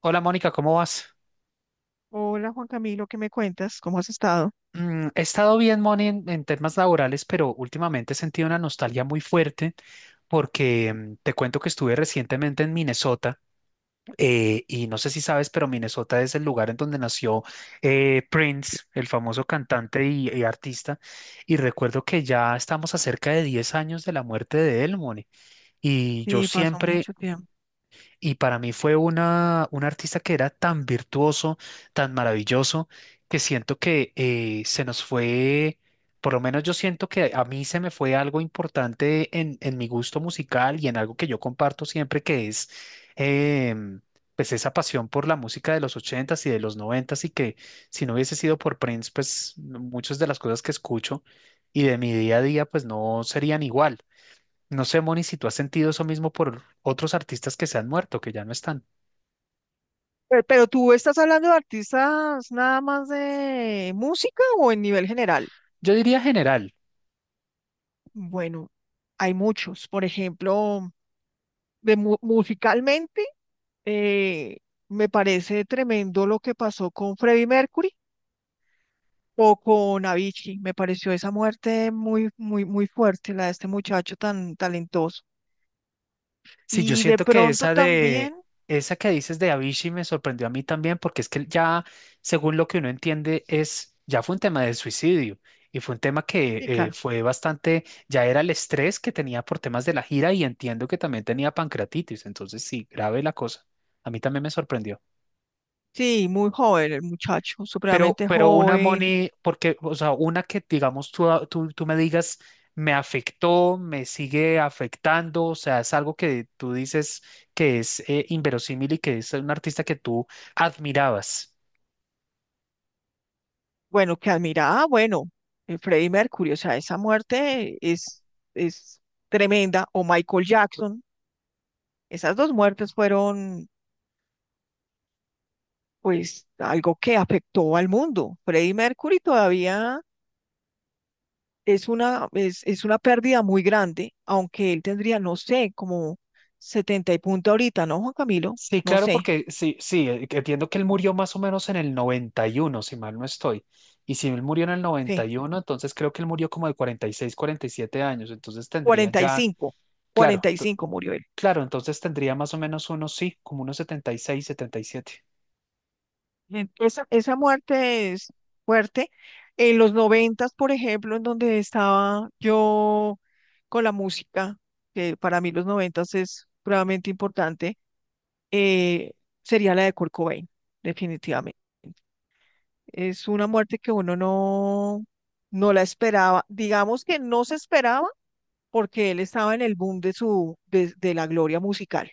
Hola Mónica, ¿cómo vas? Hola Juan Camilo, ¿qué me cuentas? ¿Cómo has estado? He estado bien, Moni, en temas laborales, pero últimamente he sentido una nostalgia muy fuerte porque te cuento que estuve recientemente en Minnesota y no sé si sabes, pero Minnesota es el lugar en donde nació Prince, el famoso cantante y artista. Y recuerdo que ya estamos a cerca de 10 años de la muerte de él, Moni. Y yo Sí, pasó siempre mucho tiempo. Y para mí fue un artista que era tan virtuoso, tan maravilloso, que siento que se nos fue. Por lo menos yo siento que a mí se me fue algo importante en mi gusto musical y en algo que yo comparto siempre, que es em, pues esa pasión por la música de los ochentas y de los noventas, y que si no hubiese sido por Prince, pues muchas de las cosas que escucho y de mi día a día, pues no serían igual. No sé, Moni, si tú has sentido eso mismo por otros artistas que se han muerto, que ya no están. Pero tú estás hablando de artistas nada más de música o en nivel general? Yo diría general. Bueno, hay muchos. Por ejemplo, de musicalmente, eh, me parece tremendo lo que pasó con Freddie Mercury o con Avicii. Me pareció esa muerte muy, muy, muy fuerte, la de este muchacho tan talentoso. Sí, yo Y de siento que pronto esa de, también, esa que dices de Avicii me sorprendió a mí también, porque es que ya, según lo que uno entiende, ya fue un tema de suicidio, y fue un tema sí, que claro. fue bastante, ya era el estrés que tenía por temas de la gira, y entiendo que también tenía pancreatitis. Entonces sí, grave la cosa. A mí también me sorprendió. Sí, muy joven, el muchacho, Pero, supremamente pero una, joven. money, porque, o sea, una que digamos tú, tú me digas: me afectó, me sigue afectando, o sea, es algo que tú dices que es inverosímil, y que es un artista que tú admirabas. Bueno, que admiraba, bueno, Freddie Mercury, o sea, esa muerte es tremenda. O Michael Jackson, esas dos muertes fueron, pues, algo que afectó al mundo. Freddie Mercury todavía es una pérdida muy grande, aunque él tendría, no sé, como 70 y punto ahorita, ¿no, Juan Camilo? Sí, No claro, sé, porque sí, sí, que entiendo que él murió más o menos en el 91, si mal no estoy. Y si él murió en el noventa sí, y uno entonces creo que él murió como de 40, 46, 47 años. Entonces tendría cuarenta ya, claro, cuarenta y cinco murió. claro, entonces tendría más o menos unos, sí, como unos 70, 76, 77. Esa muerte es fuerte. En los noventas, por ejemplo, en donde estaba yo con la música, que para mí los noventas es realmente importante, eh, sería la de Kurt Cobain, definitivamente. Es una muerte que uno no, no la esperaba. Digamos que no se esperaba porque él estaba en el boom de la gloria musical.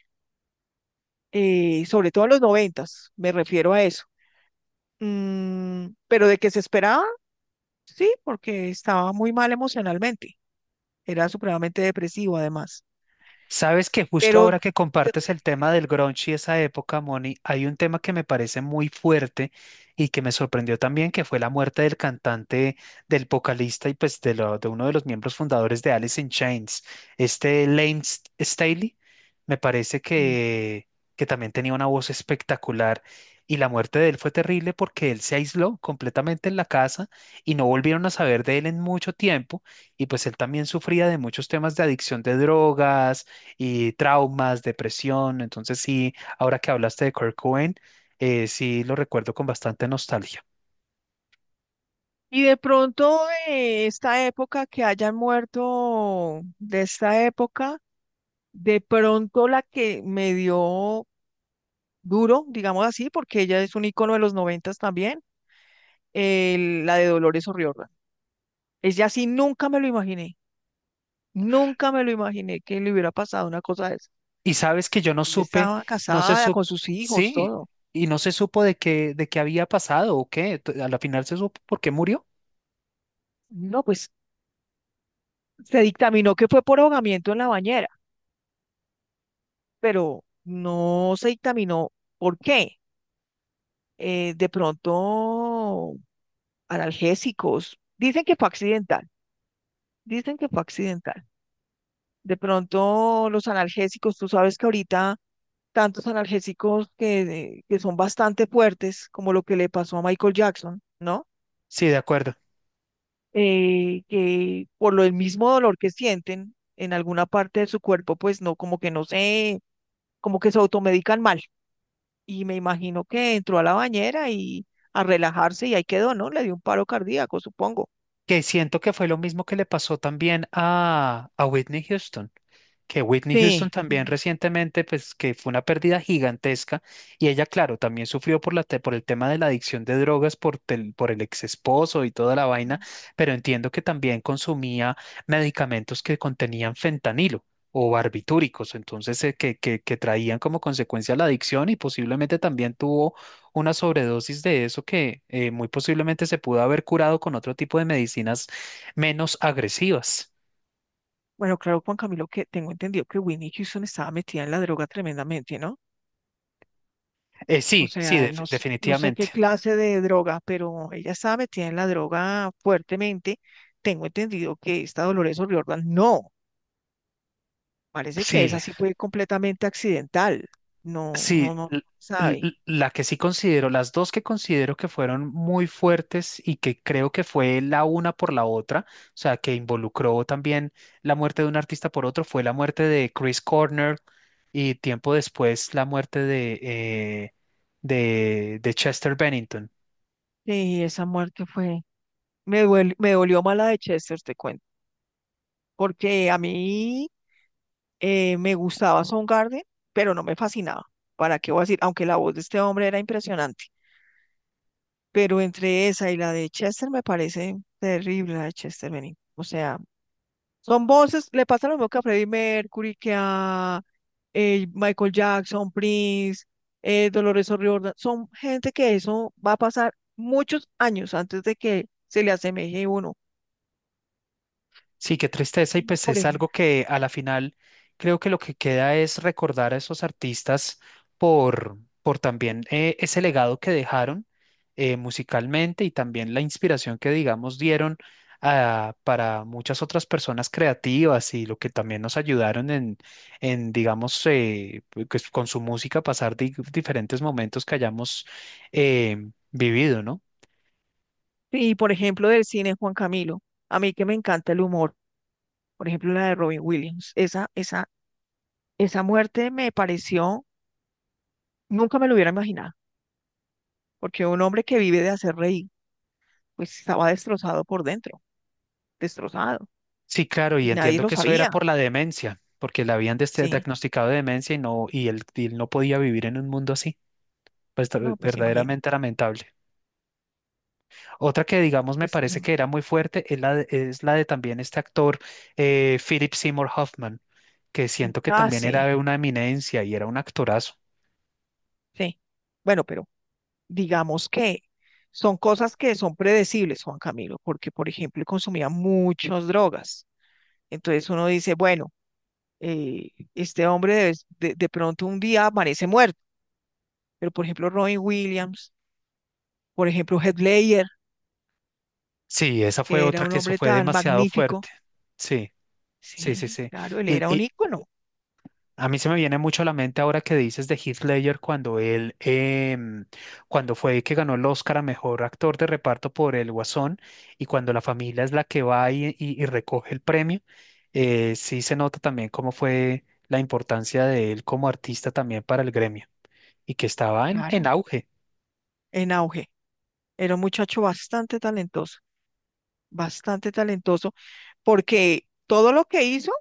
Sobre todo en los noventas, me refiero a eso. Pero de que se esperaba, sí, porque estaba muy mal emocionalmente. Era supremamente depresivo, además. Sabes que justo Pero ahora que yo te compartes el diría que tema del grunge y esa época, Moni, hay un tema que me parece muy fuerte y que me sorprendió también, que fue la muerte del cantante, del vocalista y pues de uno de los miembros fundadores de Alice in Chains, este Lane Staley. Me parece sí. que también tenía una voz espectacular, y la muerte de él fue terrible porque él se aisló completamente en la casa y no volvieron a saber de él en mucho tiempo, y pues él también sufría de muchos temas de adicción de drogas y traumas, depresión. Entonces sí, ahora que hablaste de Kurt Cobain, sí lo recuerdo con bastante nostalgia. Y de pronto, esta época que hayan muerto, de esta época, de pronto la que me dio duro, digamos así, porque ella es un ícono de los noventas también, la de Dolores O'Riordan. Ella sí nunca me lo imaginé. Nunca me lo imaginé que le hubiera pasado una cosa de esa. Y sabes que yo no Ella supe, estaba no se casada supo, con sus hijos, sí, todo. y no se supo de qué había pasado o qué. A la final se supo por qué murió. No, pues se dictaminó que fue por ahogamiento en la bañera, pero no se dictaminó por qué. De pronto, analgésicos. Dicen que fue accidental, dicen que fue accidental. De pronto, los analgésicos, tú sabes que ahorita tantos analgésicos que son bastante fuertes, como lo que le pasó a Michael Jackson, ¿no? Sí, de acuerdo. Que por lo el mismo dolor que sienten en alguna parte de su cuerpo, pues no, como que no sé, como que se automedican mal. Y me imagino que entró a la bañera y a relajarse y ahí quedó, ¿no? Le dio un paro cardíaco, supongo. Que siento que fue lo mismo que le pasó también a Whitney Houston. Que Whitney Houston Sí. también recientemente, pues, que fue una pérdida gigantesca, y ella, claro, también sufrió por por el tema de la adicción de drogas, por el ex esposo y toda la vaina, pero entiendo que también consumía medicamentos que contenían fentanilo o barbitúricos. Entonces que traían como consecuencia la adicción, y posiblemente también tuvo una sobredosis de eso, que muy posiblemente se pudo haber curado con otro tipo de medicinas menos agresivas. Bueno, claro, Juan Camilo, que tengo entendido que Winnie Houston estaba metida en la droga tremendamente, ¿no? Eh, O sí, sí, sea, def- no, no sé qué definitivamente. clase de droga, pero ella estaba metida en la droga fuertemente. Tengo entendido que esta Dolores O'Riordan no, parece que Sí, esa sí fue completamente accidental. No, sí, no, no, l- sabe. l- la que sí considero, las dos que considero que fueron muy fuertes y que creo que fue la una por la otra, o sea, que involucró también la muerte de un artista por otro, fue la muerte de Chris Cornell y tiempo después la muerte de Chester Bennington. Sí, esa muerte fue, me duele, me dolió mala de Chester, te cuento. Porque a mí me gustaba Soundgarden, pero no me fascinaba. ¿Para qué voy a decir? Aunque la voz de este hombre era impresionante, pero entre esa y la de Chester me parece terrible la de Chester Bennington. O sea, son voces, le pasa lo mismo que a Freddie Mercury, que a Michael Jackson, Prince, Dolores O'Riordan. Son gente que eso va a pasar muchos años antes de que se le asemeje uno. Sí, qué tristeza. Y Y pues por es algo ejemplo, que a la final creo que lo que queda es recordar a esos artistas por también ese legado que dejaron musicalmente, y también la inspiración que digamos dieron para muchas otras personas creativas, y lo que también nos ayudaron en digamos pues, con su música, pasar diferentes momentos que hayamos eh, vivido, ¿no? y por ejemplo del cine Juan Camilo, a mí que me encanta el humor. Por ejemplo la de Robin Williams. Esa muerte me pareció, nunca me lo hubiera imaginado, porque un hombre que vive de hacer reír, pues estaba destrozado por dentro, destrozado, Sí, claro, y y nadie entiendo lo que eso era sabía, por la demencia, porque le habían des- sí. diagnosticado de demencia y no, y él no podía vivir en un mundo así. Pues No, ver- pues imagínate, verdaderamente lamentable. Otra que digamos me es parece que tremendo. era muy fuerte es la de también este actor, Philip Seymour Hoffman, que siento que Ah, también sí, era una eminencia y era un actorazo. sí. Bueno, pero digamos que son cosas que son predecibles, Juan Camilo, porque, por ejemplo, consumía muchas drogas. Entonces uno dice, bueno, este hombre de pronto un día amanece muerto, pero, por ejemplo, Robin Williams. Por ejemplo, Heath Ledger, Sí, esa fue que era otra un que eso hombre fue tan demasiado magnífico. fuerte. Sí, sí, sí, Sí, sí. claro, él Y, era un y, ícono, A mí se me viene mucho a la mente ahora que dices de Heath Ledger, cuando cuando fue que ganó el Oscar a mejor actor de reparto por El Guasón, y cuando la familia es la que va y recoge el premio, sí se nota también cómo fue la importancia de él como artista también para el gremio, y que estaba en claro, auge. en auge. Era un muchacho bastante talentoso, porque todo lo que hizo,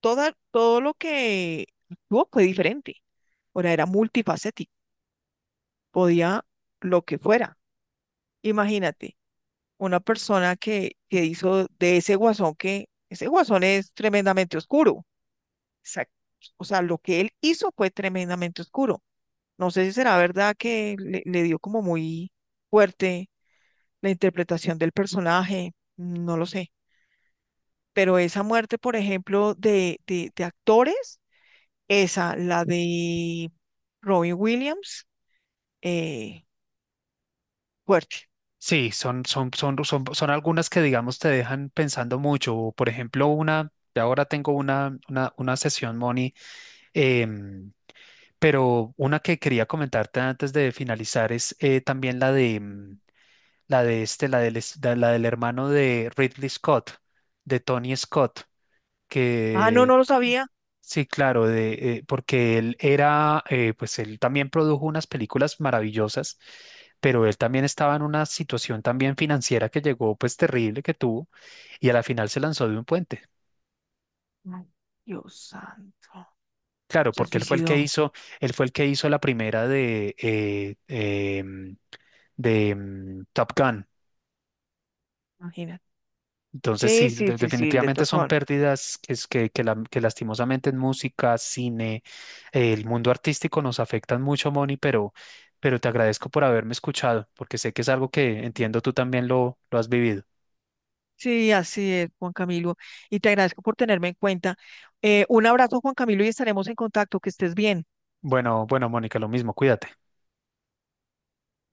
todo lo que actuó fue diferente. Ahora era multifacético, podía lo que fuera. Imagínate, una persona que hizo de ese guasón que, ese guasón es tremendamente oscuro. Exacto. O sea, lo que él hizo fue tremendamente oscuro. No sé si será verdad que le dio como muy fuerte la interpretación del personaje, no lo sé. Pero esa muerte, por ejemplo, de actores, esa, la de Robin Williams, eh, fuerte. Sí, son algunas que digamos te dejan pensando mucho. Por ejemplo, de ahora tengo una sesión, Moni. em, Pero una que quería comentarte antes de finalizar es también la de mm, la de este, la del hermano de Ridley Scott, de Tony Scott. Ah, no, Que no lo sabía. sí, claro, porque él era, pues él también produjo unas películas maravillosas, pero él también estaba en una situación también financiera que llegó, pues terrible que tuvo, y a la final se lanzó de un puente. Ay, Dios santo. Claro, Se porque él fue el que suicidó, hizo, él fue el que hizo la primera de Top Gun. imagínate. Entonces, Sí, sí, sí, de- sí, sí, el de definitivamente Top son Gun. pérdidas que, es- que la- que lastimosamente en música, cine, el mundo artístico nos afectan mucho, Moni. Pero, te agradezco por haberme escuchado, porque sé que es algo que, entiendo, tú también lo has vivido. Sí, así es, Juan Camilo. Y te agradezco por tenerme en cuenta. Un abrazo, Juan Camilo, y estaremos en contacto. Que estés bien. Bueno, bueno, Mónica, lo mismo, cuídate.